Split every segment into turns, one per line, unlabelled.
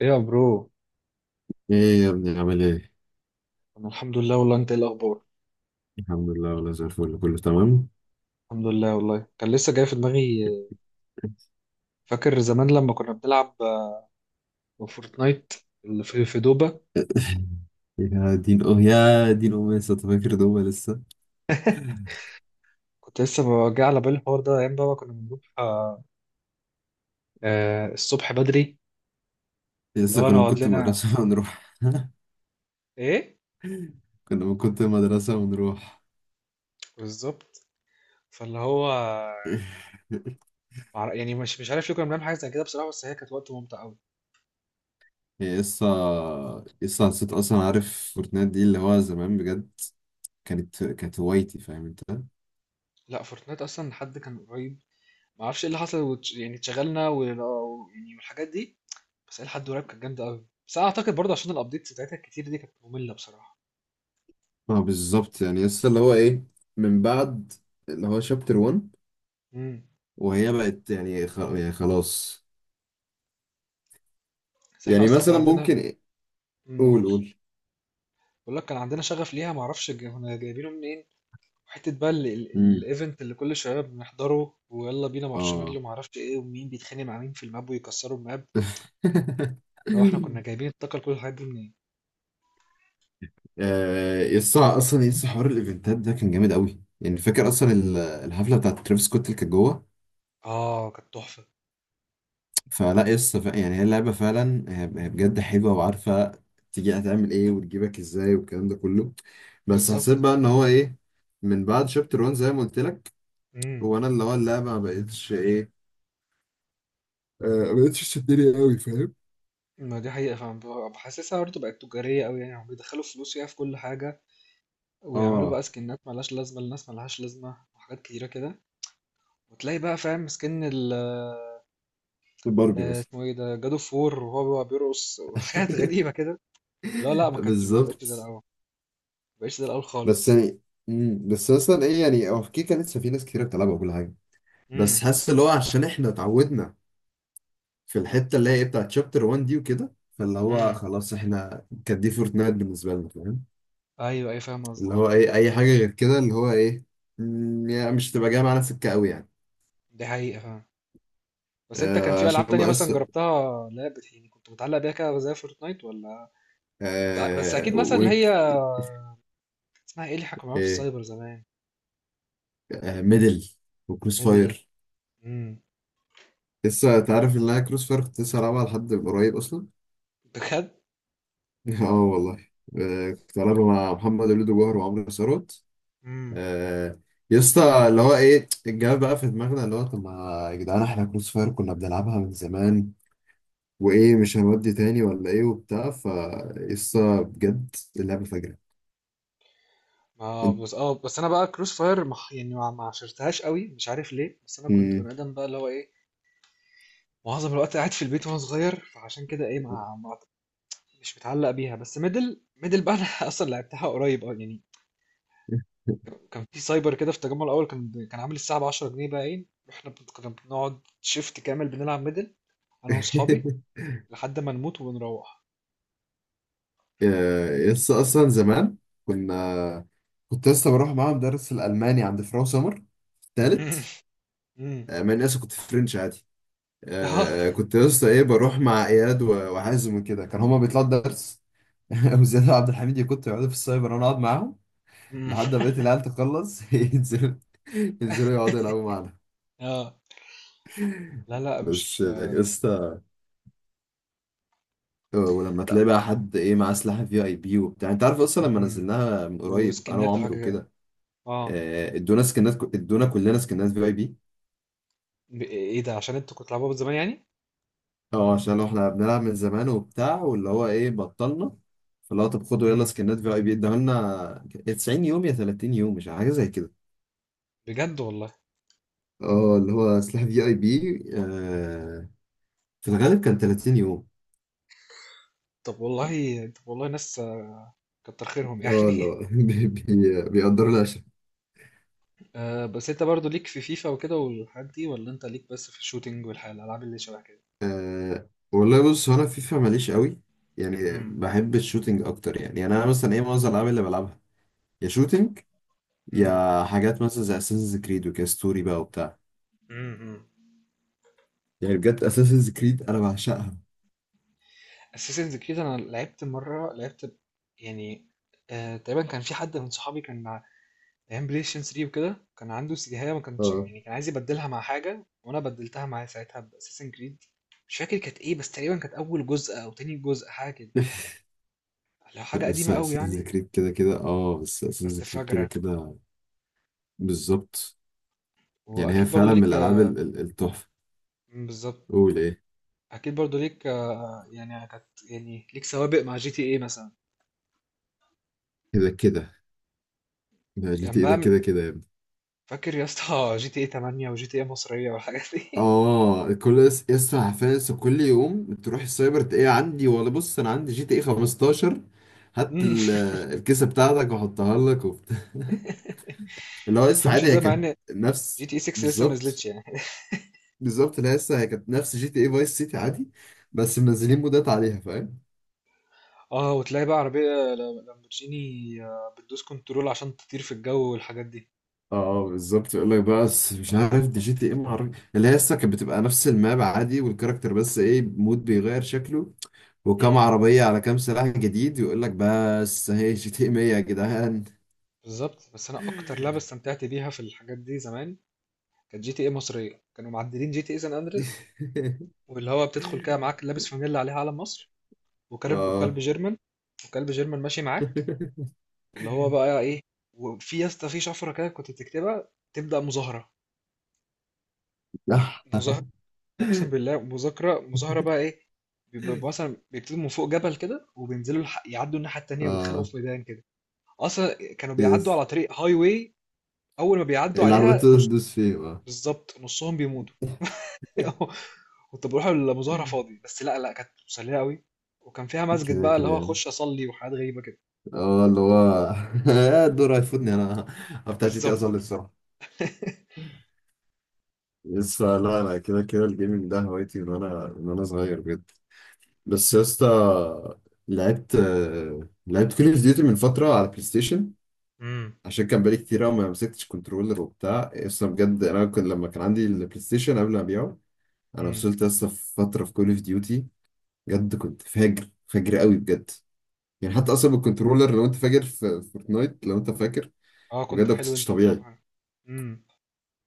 ايه يا برو.
ايه يا ابني عامل ايه؟
انا الحمد لله والله، انت ايه الاخبار؟
الحمد لله والله زي الفل كله تمام.
الحمد لله والله، كان لسه جاي في دماغي. فاكر زمان لما كنا بنلعب فورتنايت اللي في دوبا.
يا دين يا دين امي لسه أنت فاكر دوبا؟ لسه
كنت لسه جاي على بالي الحوار ده، ايام بقى ما كنا بنروح الصبح بدري. اللي
لسه
هو
كنا من
نقعد
كنت
لنا
مدرسة ونروح.
ايه،
كنا من كنت مدرسة ونروح.
بالظبط. فاللي هو يعني مش عارف ليه كنا بنعمل حاجه زي كده بصراحه، بس هي كانت وقت ممتع قوي.
هي لسه حسيت اصلا، عارف فورتنايت دي اللي هو زمان بجد كانت هوايتي؟ فاهم انت؟
لا، فورتنايت اصلا حد كان قريب، ما اعرفش ايه اللي حصل، يعني اتشغلنا يعني والحاجات دي. بس إلى حد قريب كانت جامدة أوي، بس أنا أعتقد برضه عشان الأبديتس بتاعتها الكتير دي كانت مملة بصراحة.
اه بالظبط، يعني لسه اللي هو ايه، من بعد اللي هو شابتر 1
إمم.
وهي بقت يعني خلاص.
بس إحنا
يعني
أصلًا كان
مثلا
عندنا.
ممكن.
إمم،
قول
قُل.
قول.
باقول لك كان عندنا شغف ليها، ما أعرفش جا كنا جايبينه منين، وحتة بقى ال
امم.
ال الevent اللي كل شوية بنحضره ويالّا بينا
اه.
مارشميلو وما أعرفش إيه، ومين بيتخانق مع مين في الماب ويكسروا الماب، اللي هو إحنا كنا جايبين الطاقة لكل الحاجات دي منين؟
آه، يسطا، اصلا يسطا حوار الايفنتات ده كان جامد قوي، يعني فاكر اصلا الحفله بتاعت ترافيس سكوت اللي كانت جوه؟
آه، كانت تحفة.
فلا يسطا، يعني هي اللعبه فعلا، هي بجد حلوه، وعارفه تيجي هتعمل ايه وتجيبك ازاي والكلام ده كله. بس حسيت
بالضبط.
بقى ان هو ايه، من بعد شابتر 1 زي ما قلت لك،
إمم.
هو انا اللي هو اللعبه ما بقتش ايه، آه، ما بقتش تشدني قوي، فاهم؟
ما دي حقيقة فعلًا، باحسسها برضه بقت تجارية أوي يعني، هُم بيدخّلوا فلوس فيها في كل حاجة، ويعملوا
اه
بقى سكنات ملهاش لازمة لناس ملهاش لازمة وحاجات كتيرة كده. وتلاقي بقى فاهم سكن
باربي مثلا.
اسمه ايه ده جاد اوف وور وهو بقى بيرقص وحاجات غريبة كده. لا لا، ما بقتش زي
بالظبط.
الأول، ما بقتش زي الأول
بس
خالص.
يعني مم. بس مثلا ايه، يعني هو في كيكه لسه في ناس كتير بتلعبها وكل حاجه، بس
امم.
حاسس اللي هو عشان احنا اتعودنا في الحته اللي هي ايه بتاعت شابتر 1 دي وكده، فاللي هو
امم.
خلاص، احنا كانت دي فورتنايت بالنسبه لنا، فاهم؟
ايوه، ايوه، فاهم
اللي
قصدك.
هو ايه، اي حاجه غير كده اللي هو ايه، يعني مش تبقى جايه معانا سكه قوي يعني.
دي حقيقة، فاهم. بس انت كان في
عشان
ألعاب تانية
بقى
مثلا
لسه،
جربتها، لا يعني كنت متعلق بيها كده زي فورتنايت ولا؟ بس اكيد، مثلا اللي
ويك.
هي اسمها ايه اللي احنا كنا بنلعبها في
ايه.
السايبر زمان؟
ميدل، وكروس
ميدل.
فاير.
امم.
لسه تعرف ان انا كروس فاير كنت لسه هلعبها لحد قريب اصلا؟
بجد.
اه والله. كنت بلعب مع محمد وليد وجوهر وعمرو ثروت. آه، يا اسطى، اللي هو ايه، الجواب بقى في دماغنا اللي هو، طب ما يا جدعان، احنا كروس فاير كنا بنلعبها من زمان، وايه مش هنودي تاني ولا ايه وبتاع، ف يا اسطى بجد اللعبه فجره.
اه
انت-
بس، انا بقى كروس فاير يعني ما عشرتهاش قوي مش عارف ليه، بس انا كنت
مم.
بني ادم بقى اللي هو ايه، معظم الوقت قاعد في البيت وانا صغير، فعشان كده ايه مش متعلق بيها. بس ميدل ميدل بقى انا اصلا لعبتها قريب، اه يعني. كان في سايبر كده في التجمع الاول كان عامل الساعه ب 10 جنيه، بقى ايه احنا كنا بنقعد شيفت كامل بنلعب ميدل انا واصحابي لحد ما نموت وبنروح.
يا اسطى اصلا زمان كنا، كنت لسه بروح معاهم درس الالماني عند فراو سمر تالت.
امم.
مع اني اصلا كنت في فرنش عادي.
اه.
كنت لسه ايه، بروح مع اياد وحازم وكده، كان هما بيطلعوا درس. وزياد وعبد الحميد يكونوا يقعدوا في السايبر وانا اقعد معاهم.
أمم.
لحد ما بقيت العيال تخلص ينزلوا يقعدوا يلعبوا معانا.
اه. لا لا،
بس
مش.
يا اسطى، ولما
لا.
تلاقي بقى حد ايه، معاه سلاح في اي بي وبتاع، انت عارف اصلا لما
امم.
نزلناها من قريب انا
وسكنات
وعمرو
وحاجه كده.
وكده،
اه.
ادونا سكنات، ادونا كلنا سكنات في اي بي.
ايه ده، عشان انتوا كنتوا بتلعبوها من زمان يعني؟
اه عشان احنا بنلعب من زمان وبتاع، واللي هو ايه بطلنا، فاللي هو طب خدوا يلا
امم.
سكنات في اي بي، اداها لنا يا 90 يوم يا 30 يوم مش عارف، حاجه زي كده.
بجد والله.
اه اللي هو سلاح في اي بي، في الغالب كان 30 يوم.
طب والله، طب والله، ناس كتر خيرهم
اه اللي
يعني.
هو بيقدروا العشاء.
آه، بس انت برضو ليك في فيفا وكده والحاجات دي، ولا انت ليك بس في الشوتينج والحاجات الالعاب اللي شبه كده؟
والله بص، هو انا فيفا ماليش قوي، يعني
امم.
بحب الشوتينج اكتر، يعني، يعني انا مثلا ايه، معظم الالعاب اللي بلعبها يا شوتينج،
امم.
يا حاجات مثلا زي اساسنز كريد وكده ستوري بقى وبتاع.
امم.
يعني بجد اساسنز كريد انا بعشقها.
اساسنز كريد انا لعبت مره، لعبت يعني تقريبا كان في حد من صحابي كان مع ايام بلاي ستيشن 3 وكده، كان عنده سيجاية ما كانش،
اه.
يعني كان عايز يبدلها مع حاجه وانا بدلتها معاه ساعتها باساسن كريد. مش فاكر كانت ايه، بس تقريبا كانت اول جزء او تاني جزء، حاجه كده، لو
لا
حاجة قديمة
لسه
أوي
اساسنز
يعني.
كريد كده كده، اه بس
بس
اساسنز كريد كده
فاجرة.
كده. بالظبط. يعني هي
وأكيد برضو
فعلا من
ليك.
الالعاب التحفه.
بالظبط.
قول ايه.
أكيد برضو ليك يعني كانت، يعني ليك سوابق مع جي تي إيه مثلا؟
كده كده. لا جي
كان
تي ايه
بقى
ده
من،
كده كده يا ابني.
فاكر يا اسطى جي تي إيه 8 وجي تي إيه مصرية والحاجات دي.
اه كل يسطا عارفين، لسه كل يوم تروح السايبر تلاقيه عندي، ولا بص انا عندي جي تي ايه 15، هات
مم.
الكيسه بتاعتك واحطها لك وبتاع. اللي هو
ما
لسه
تفهمش
عادي، هي
ازاي، مع
كانت
ان جي
نفس.
تي إيه 6 لسه ما
بالظبط،
نزلتش يعني.
بالظبط، اللي هي لسه هي كانت نفس جي تي ايه فايس سيتي عادي، بس منزلين مودات عليها فاهم.
اه، وتلاقي بقى عربية لامبورجيني، بتدوس كنترول عشان تطير في الجو والحاجات دي.
اه. بالظبط، يقول لك بقى بس مش عارف، دي جي تي ايه معرفش، اللي هي لسه كانت بتبقى نفس الماب عادي والكاركتر، بس ايه، مود بيغير شكله وكم
امم.
عربية على كام سلاح جديد، ويقول لك بس هي جي تي 100 يا جدعان.
بالظبط، بس انا اكتر لعبة استمتعت بيها في الحاجات دي زمان كانت جي تي إيه مصرية، كانوا معدلين جي تي إيه سان أندريس، واللي هو بتدخل كده معاك لابس فانيلا عليها علم مصر،
اه
وكلب جيرمان، ماشي معاك اللي هو بقى ايه. وفي يا اسطى في شفره كده كنت بتكتبها تبدا مظاهره،
صح.
مظاهره، اقسم بالله مذاكره مظاهره بقى ايه. بيبقى مثلا بيكتبوا من فوق جبل كده وبينزلوا يعدوا الناحيه التانيه ويتخانقوا
اه
في ميدان كده. اصلا كانوا بيعدوا
يس،
على طريق هاي واي، اول ما بيعدوا
العربية
عليها
تقدر
نص،
تدوس فيه اه.
بالظبط نصهم بيموت. كنت بروح المظاهرة فاضي، بس لا لا، كانت مسلية قوي، وكان فيها مسجد
كده
بقى اللي
كده
هو
يعني.
اخش اصلي وحاجات غريبة كده.
اه اللي هو الدور هيفوتني انا، بتاع جي تي إيه
بالظبط.
اصلي بسرعة. يس. لا لا كده كده، الجيمنج ده هوايتي من وانا صغير بجد. بس يا اسطى لعبت، لعبت كول اوف ديوتي من فتره على بلاي ستيشن،
امم.
عشان كان بقالي كتير أوي ما مسكتش كنترولر وبتاع اصلا، بجد انا كنت لما كان عندي البلاي ستيشن قبل ما ابيعه، انا
امم.
وصلت لسه في فتره في كول اوف ديوتي، بجد كنت فاجر فاجر قوي بجد. يعني حتى اصلا بالكنترولر، لو انت فاجر في فورتنايت، لو انت فاكر،
اه، كنت
بجد ما
حلو
كنتش
انت بتلعب
طبيعي.
معايا. امم.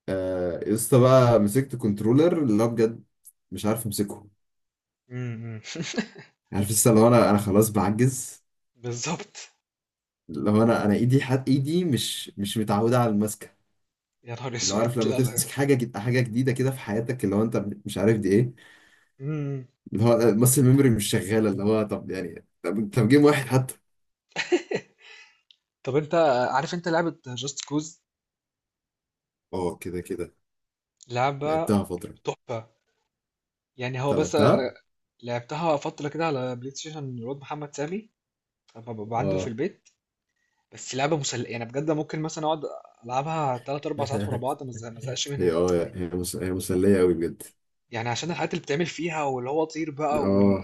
لسه بقى مسكت كنترولر اللي هو بجد مش عارف امسكه.
امم.
عارف لسه، لو انا خلاص بعجز.
بالظبط.
لو انا ايدي، ايدي مش متعوده على المسكه.
يا نهار
اللي هو،
اسود،
عارف لما
لا لا.
تمسك حاجه حاجه جديده كده في حياتك، اللي هو انت مش عارف دي ايه.
امم.
اللي هو المسل ميموري مش شغاله، اللي هو طب يعني طب, جيم واحد حتى.
طب انت عارف انت لعبة جاست كوز،
اه كده كده.
لعبة
لعبتها فتره.
تحفة. يعني هو
انت
بس
لعبتها؟
انا لعبتها فترة كده على بلاي ستيشن الواد محمد سامي لما ببقى عنده في
اه.
البيت. بس لعبة مسل، يعني بجد ممكن مثلا اقعد العبها تلات اربع ساعات ورا بعض، ما ازهقش
هي
منها.
اه، هي مسليه قوي بجد.
يعني عشان الحاجات اللي بتعمل فيها، واللي هو طير بقى،
اه،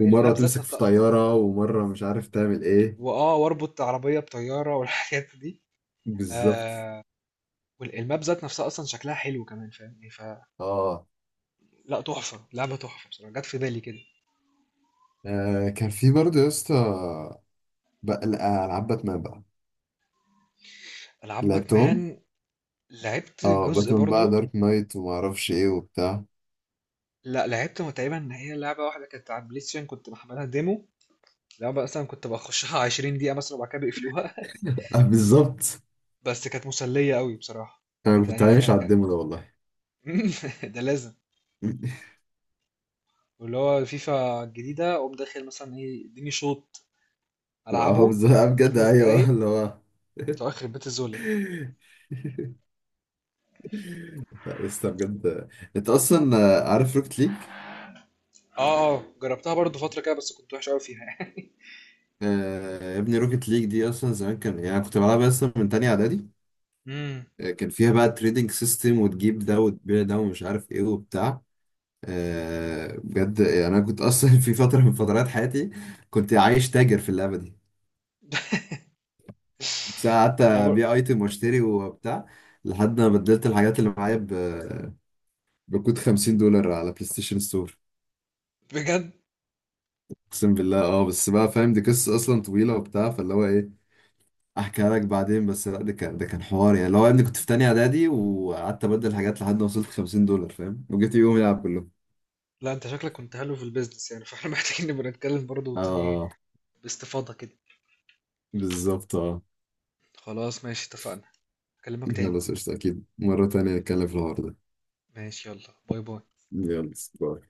ومره
ذات
تمسك في
نفسها اصلا،
طياره، ومره مش عارف تعمل ايه.
واربط عربية بطيارة والحاجات دي.
بالظبط.
والماب ذات نفسها اصلا شكلها حلو كمان، فاهمني؟ فلا،
اه
تحفة، لعبة تحفة بصراحة، جت في بالي كده.
كان في برضه يا اسطى بقى العاب باتمان بقى،
العاب
لعبتهم.
باتمان، لعبت
اه
جزء
باتمان بقى
برضو.
دارك نايت وما اعرفش ايه وبتاع.
لا، لعبت تقريبا ان هي لعبة واحدة كانت على البلاي ستيشن كنت محملها ديمو، لعبة اصلا كنت بخشها 20 دقيقة مثلا وبعد كده بيقفلوها.
بالظبط.
بس كانت مسلية قوي بصراحة،
انا
كانت
كنت
يعني
عايش
كان
على
كان
الدemo ده والله.
ده لازم. واللي هو الفيفا الجديدة اقوم داخل مثلا ايه اديني شوط
اه
العبه
بالظبط. بجد
خمس
ايوه
دقايق
اللي هو.
بتوع اخر بيت الذل.
لا لسه بجد، انت اصلا، عارف روكت ليج؟
اه اه، جربتها برضو فترة كده، بس كنت وحش قوي فيها يعني.
يا ابني روكت ليج دي اصلا زمان كان، يعني أنا كنت بلعبها اصلا من تانية اعدادي.
امم.
كان فيها بقى تريدنج سيستم، وتجيب ده وتبيع ده ومش عارف ايه وبتاع. بجد يعني انا كنت اصلا في فترة من فترات حياتي كنت عايش تاجر في اللعبة. بس أنا قعدت
انا بر...
ابيع ايتم واشتري وبتاع، لحد ما بدلت الحاجات اللي معايا بكود 50$ على بلاي ستيشن ستور.
بجد.
اقسم بالله. اه بس بقى، فاهم دي قصه اصلا طويله وبتاع، فاللي هو ايه احكيها لك بعدين، بس لا ده كان حوار يعني اللي هو، يا ابني كنت في تانية اعدادي وقعدت ابدل حاجات لحد ما وصلت 50$ فاهم، وجيت يوم يلعب كله.
لا، انت شكلك كنت حلو في البيزنس يعني، فاحنا محتاجين نبقى نتكلم برضو تاني
اه
باستفاضة كده.
بالظبط اه.
خلاص، ماشي، اتفقنا، اكلمك تاني.
خلاص قشطة، اكيد مره تانية نتكلم في الحوار ده.
ماشي، يلا باي باي.
يلا باي.